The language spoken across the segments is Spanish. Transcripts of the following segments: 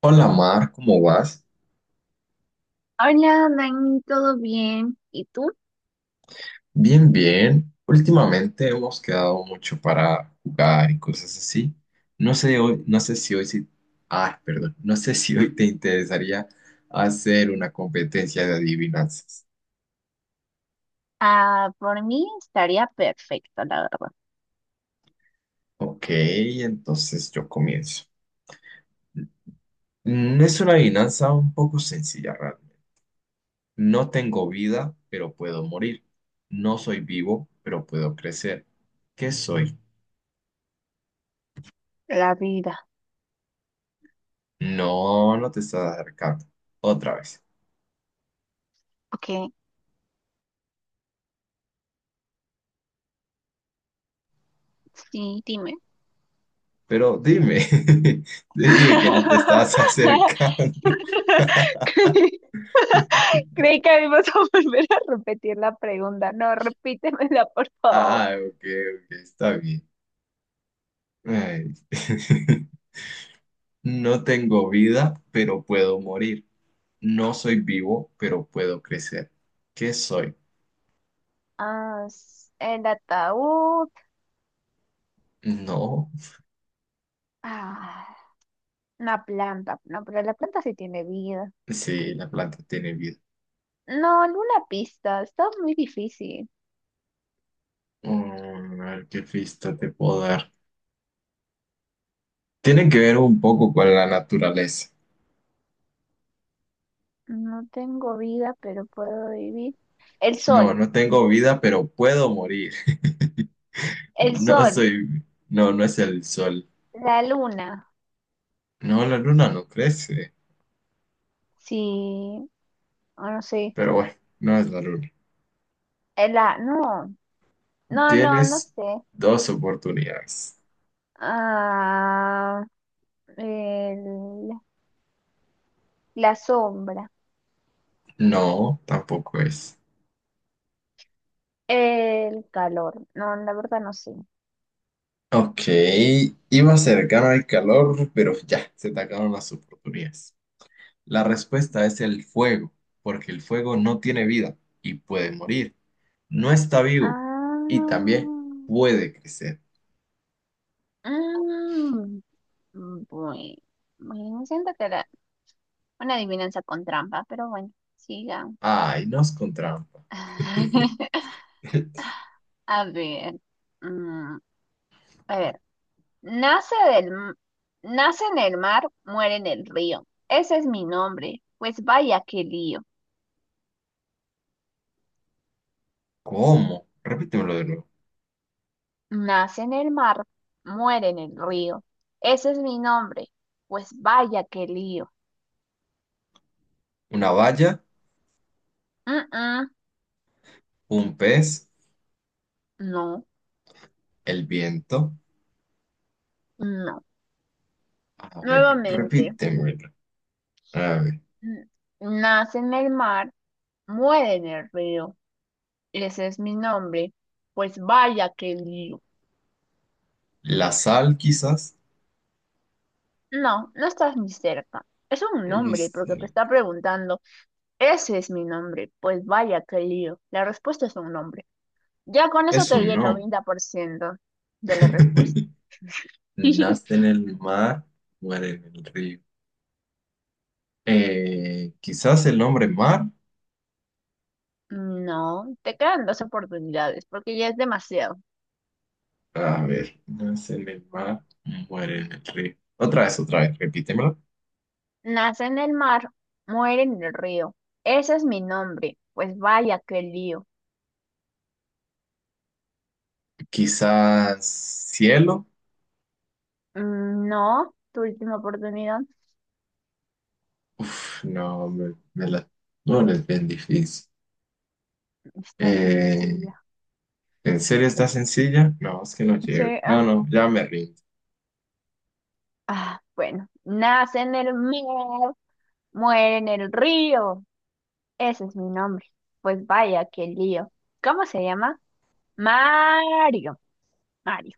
Hola Mar, ¿cómo vas? Hola, Dani, ¿todo bien? ¿Y tú? Bien, bien. Últimamente hemos quedado mucho para jugar y cosas así. No sé hoy, no sé si hoy sí, perdón, no sé si hoy te interesaría hacer una competencia de adivinanzas. Ah, por mí estaría perfecto, la verdad. Ok, entonces yo comienzo. Es una adivinanza un poco sencilla, realmente. No tengo vida, pero puedo morir. No soy vivo, pero puedo crecer. ¿Qué soy? La vida. No, no te estás acercando. Otra vez. Ok, sí, dime. Pero dime, te dije que no te estabas acercando. Creí creí que íbamos a volver a repetir la pregunta. No, repítemela, por favor. Ah, ok, ok, está bien. Ay. No tengo vida, pero puedo morir. No soy vivo, pero puedo crecer. ¿Qué soy? Ah, el ataúd. No. Ah, una planta. No, pero la planta sí tiene vida. Sí, la planta tiene vida. No, alguna pista. Está muy difícil. A ver qué pista te puedo dar. Tiene que ver un poco con la naturaleza. No tengo vida, pero puedo vivir. El No, sol, no tengo vida, pero puedo morir. el No sol, soy... No, no es el sol. la luna. No, la luna no crece, Sí, o no sé. pero bueno, no es la luna. No, no Tienes sé. dos oportunidades. Ah, el- la sombra, No, tampoco es. el calor. No, la verdad no sé. Ok, iba a ser cercano el calor, pero ya, se te acabaron las oportunidades. La respuesta es el fuego, porque el fuego no tiene vida y puede morir. No está vivo Ah, y también puede crecer. mm, bueno, bueno, siento que era una adivinanza con trampa, pero bueno, sigan. Ay, nos con trampa. A ver. mm, A ver, nace del, m- nace en el mar, muere en el río. Ese es mi nombre, pues vaya qué lío. ¿Cómo? Repítemelo de nuevo. Nace en el mar, muere en el río. Ese es mi nombre, pues vaya qué lío. Una valla, Mm, mm, un pez, no, el viento. no. A ver, Nuevamente, repítemelo. A ver, mm, nace en el mar, muere en el río. Ese es mi nombre, pues vaya qué lío. la sal quizás. No, no estás ni cerca. Es un nombre porque te Este, está preguntando. Ese es mi nombre. Pues vaya, qué lío. La respuesta es un nombre. Ya con eso eso te di el no. 90% de la respuesta. Nace en el mar, muere en el río. Quizás el nombre mar. No, te quedan dos oportunidades porque ya es demasiado. A ver, nace en el mar, muere en el río. Otra vez, repítemelo. Nace en el mar, muere en el río. Ese es mi nombre. Pues vaya, qué lío. Quizás cielo. No, tu última oportunidad. Uf, no, me la... No, no es bien difícil. Estás sin Eh, silla. ¿En serio está sencilla? No, es que no Sí, llego. No, no, ya me rindo. Bueno. Nace en el mar, muere en el río. Ese es mi nombre. Pues vaya, qué lío. ¿Cómo se llama? Mario. Mario.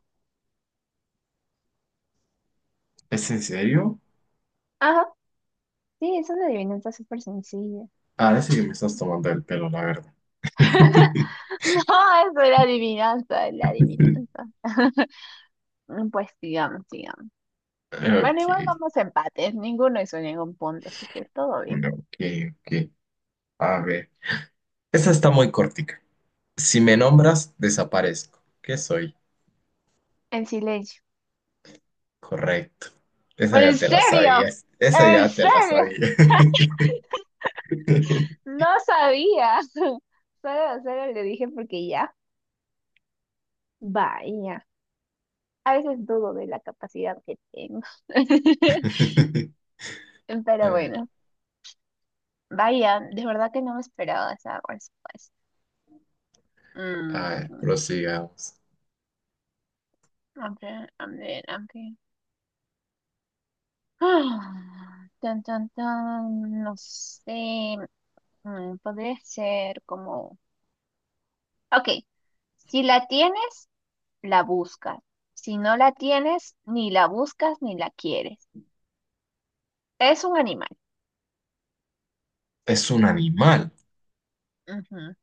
¿Es en serio? Ajá. Sí, es una adivinanza súper sencilla. Ahora sí que me estás tomando el pelo, la verdad. No, eso era adivinanza, es la adivinanza. Pues sigamos, sigamos. Bueno, Ok, igual vamos a empates. Ninguno hizo ningún punto, así que todo bien. no, ok, ok. A ver. Esta está muy cortica. Si me nombras, desaparezco. ¿Qué soy? En silencio. Correcto. Esa ya ¿En te la serio? sabías. Esa ¿En ya te la serio? sabía. No sabía. Solo le dije porque ya. Vaya. A veces dudo de la capacidad que tengo. A Pero ver, bueno, vaya, de verdad que no me esperaba esa respuesta. Mm, prosigamos. a ver, a ver, a ver. Ah, tan, tan, tan, no sé. Podría ser como... Ok, si la tienes, la buscas. Si no la tienes, ni la buscas ni la quieres. Es un animal. Es un animal. Ujú.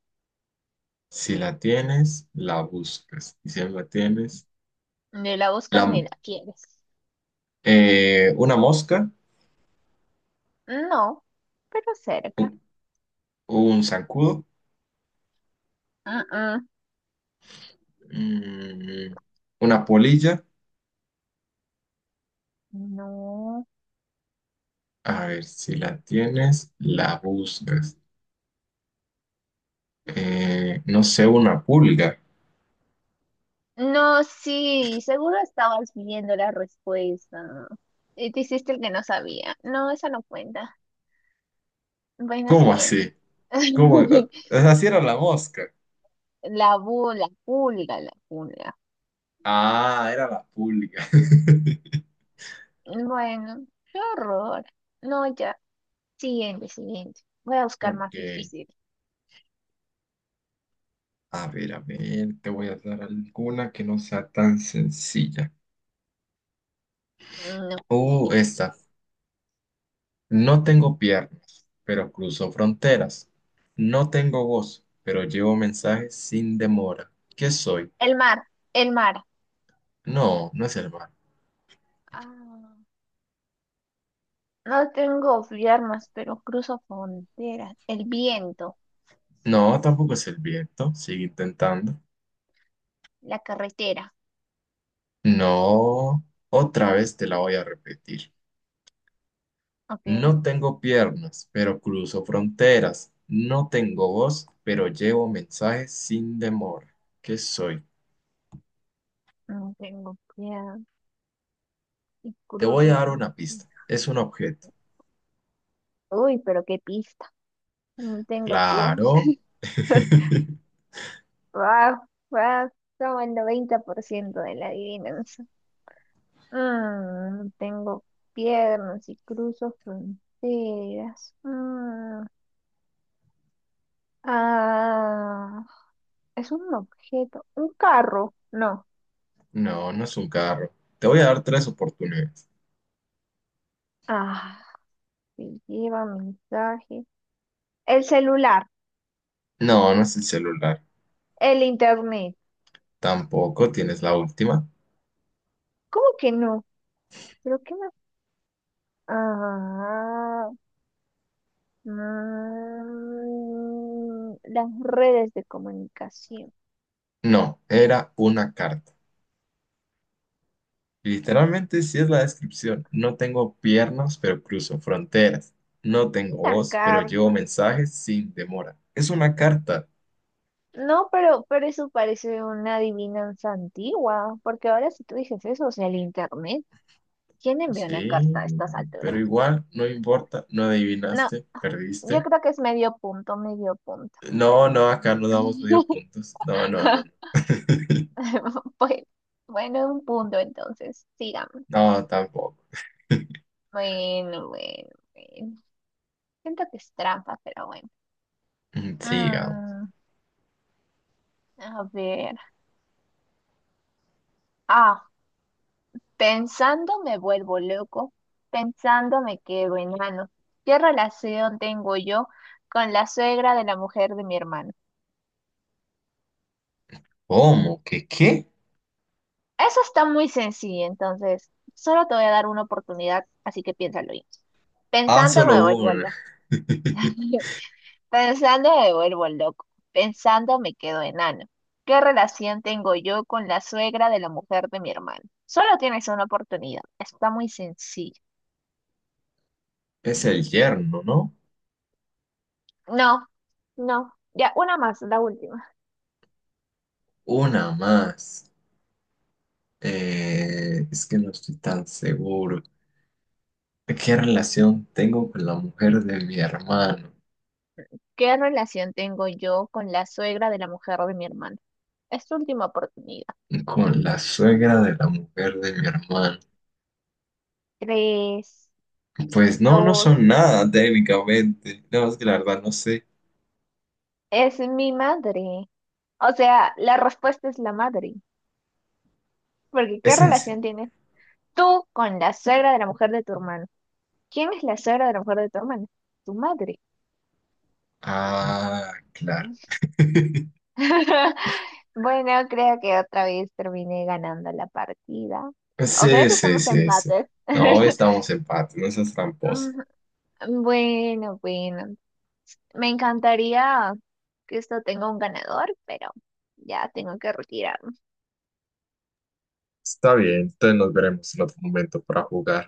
Si la tienes, la buscas. Y si no la tienes, Ni la buscas la, ni la quieres. Una mosca, No, pero cerca. un, un zancudo. Mm, mm. Mm, una polilla. No. A ver, si la tienes, la buscas. No sé, una pulga. No, sí, seguro estabas viendo la respuesta. Y te hiciste el que no sabía. No, esa no cuenta. Bueno, ¿Cómo siguiente. así? ¿Cómo? O sea, sí era la mosca. La pulga, la pulga. Ah, era la pulga. Bueno, qué horror. No, ya. Siguiente, siguiente. Voy a buscar más Ok. difícil. A ver, te voy a dar alguna que no sea tan sencilla. Oh, Ok. esta. No tengo piernas, pero cruzo fronteras. No tengo voz, pero llevo mensajes sin demora. ¿Qué soy? El mar, el mar. No, no es el mar. Ah, no tengo armas, pero cruzo fronteras. El viento, No, tampoco es el viento. Sigue intentando. la carretera. No, otra vez te la voy a repetir. Ok. No tengo piernas, pero cruzo fronteras. No tengo voz, pero llevo mensajes sin demora. ¿Qué soy? No tengo piedad y Te voy a cruzo dar frontera. una pista. Es un objeto. Uy, pero qué pista. No tengo pies. Claro. Wow, wow. Como el 90% de la adivinanza. No tengo piernas y cruzo fronteras. Ah, es un objeto. Un carro. No. No, no es un carro. Te voy a dar tres oportunidades. Ah, que lleva mensaje. El celular. No, no es el celular. El internet. Tampoco tienes la última. ¿Cómo que no? ¿Pero qué más? Ah, las redes de comunicación. No, era una carta. Literalmente sí es la descripción. No tengo piernas, pero cruzo fronteras. No tengo La voz, pero llevo carta. mensajes sin demora. Es una carta. No, pero eso parece una adivinanza antigua, porque ahora si tú dices eso, o sea, el internet, ¿quién envía una Sí, carta a estas pero alturas? igual, no importa, no No, adivinaste, yo perdiste. creo que es medio punto, medio punto. No, no, acá no damos medio puntos. No, no, no, no. Pues, bueno, un punto entonces, sigamos. No, tampoco. Bueno, bueno, bueno. Siento que es trampa, pero bueno. Sigamos. Mm, a ver. Ah, pensando me vuelvo loco, pensando me quedo enano. ¿Qué relación tengo yo con la suegra de la mujer de mi hermano? ¿Cómo? ¿Qué qué? Eso está muy sencillo, entonces solo te voy a dar una oportunidad, así que piénsalo bien. Ah, Pensando solo me vuelvo una. loco, pensando me vuelvo loco, pensando me quedo enano. ¿Qué relación tengo yo con la suegra de la mujer de mi hermano? Solo tienes una oportunidad, está muy sencillo. Es el yerno, ¿no? No, no, ya, una más, la última. Una más. Es que no estoy tan seguro. ¿Qué relación tengo con la mujer de mi hermano? ¿Qué relación tengo yo con la suegra de la mujer de mi hermano? Es tu última oportunidad. Con la suegra de la mujer de mi hermano. Tres, Pues no, no dos, son nada técnicamente. No, es que la verdad no sé. es mi madre. O sea, la respuesta es la madre. Porque ¿qué Es en serio. relación tienes tú con la suegra de la mujer de tu hermano? ¿Quién es la suegra de la mujer de tu hermano? Tu madre. Ah, claro. Bueno, creo que otra vez terminé ganando la partida. O creo Sí, que sí, estamos a sí, sí. empates. No, hoy estamos en empate, no seas tramposa. Mm, Bueno, bueno. Me encantaría que esto tenga un ganador, pero ya tengo que retirar. Está bien, entonces nos veremos en otro momento para jugar.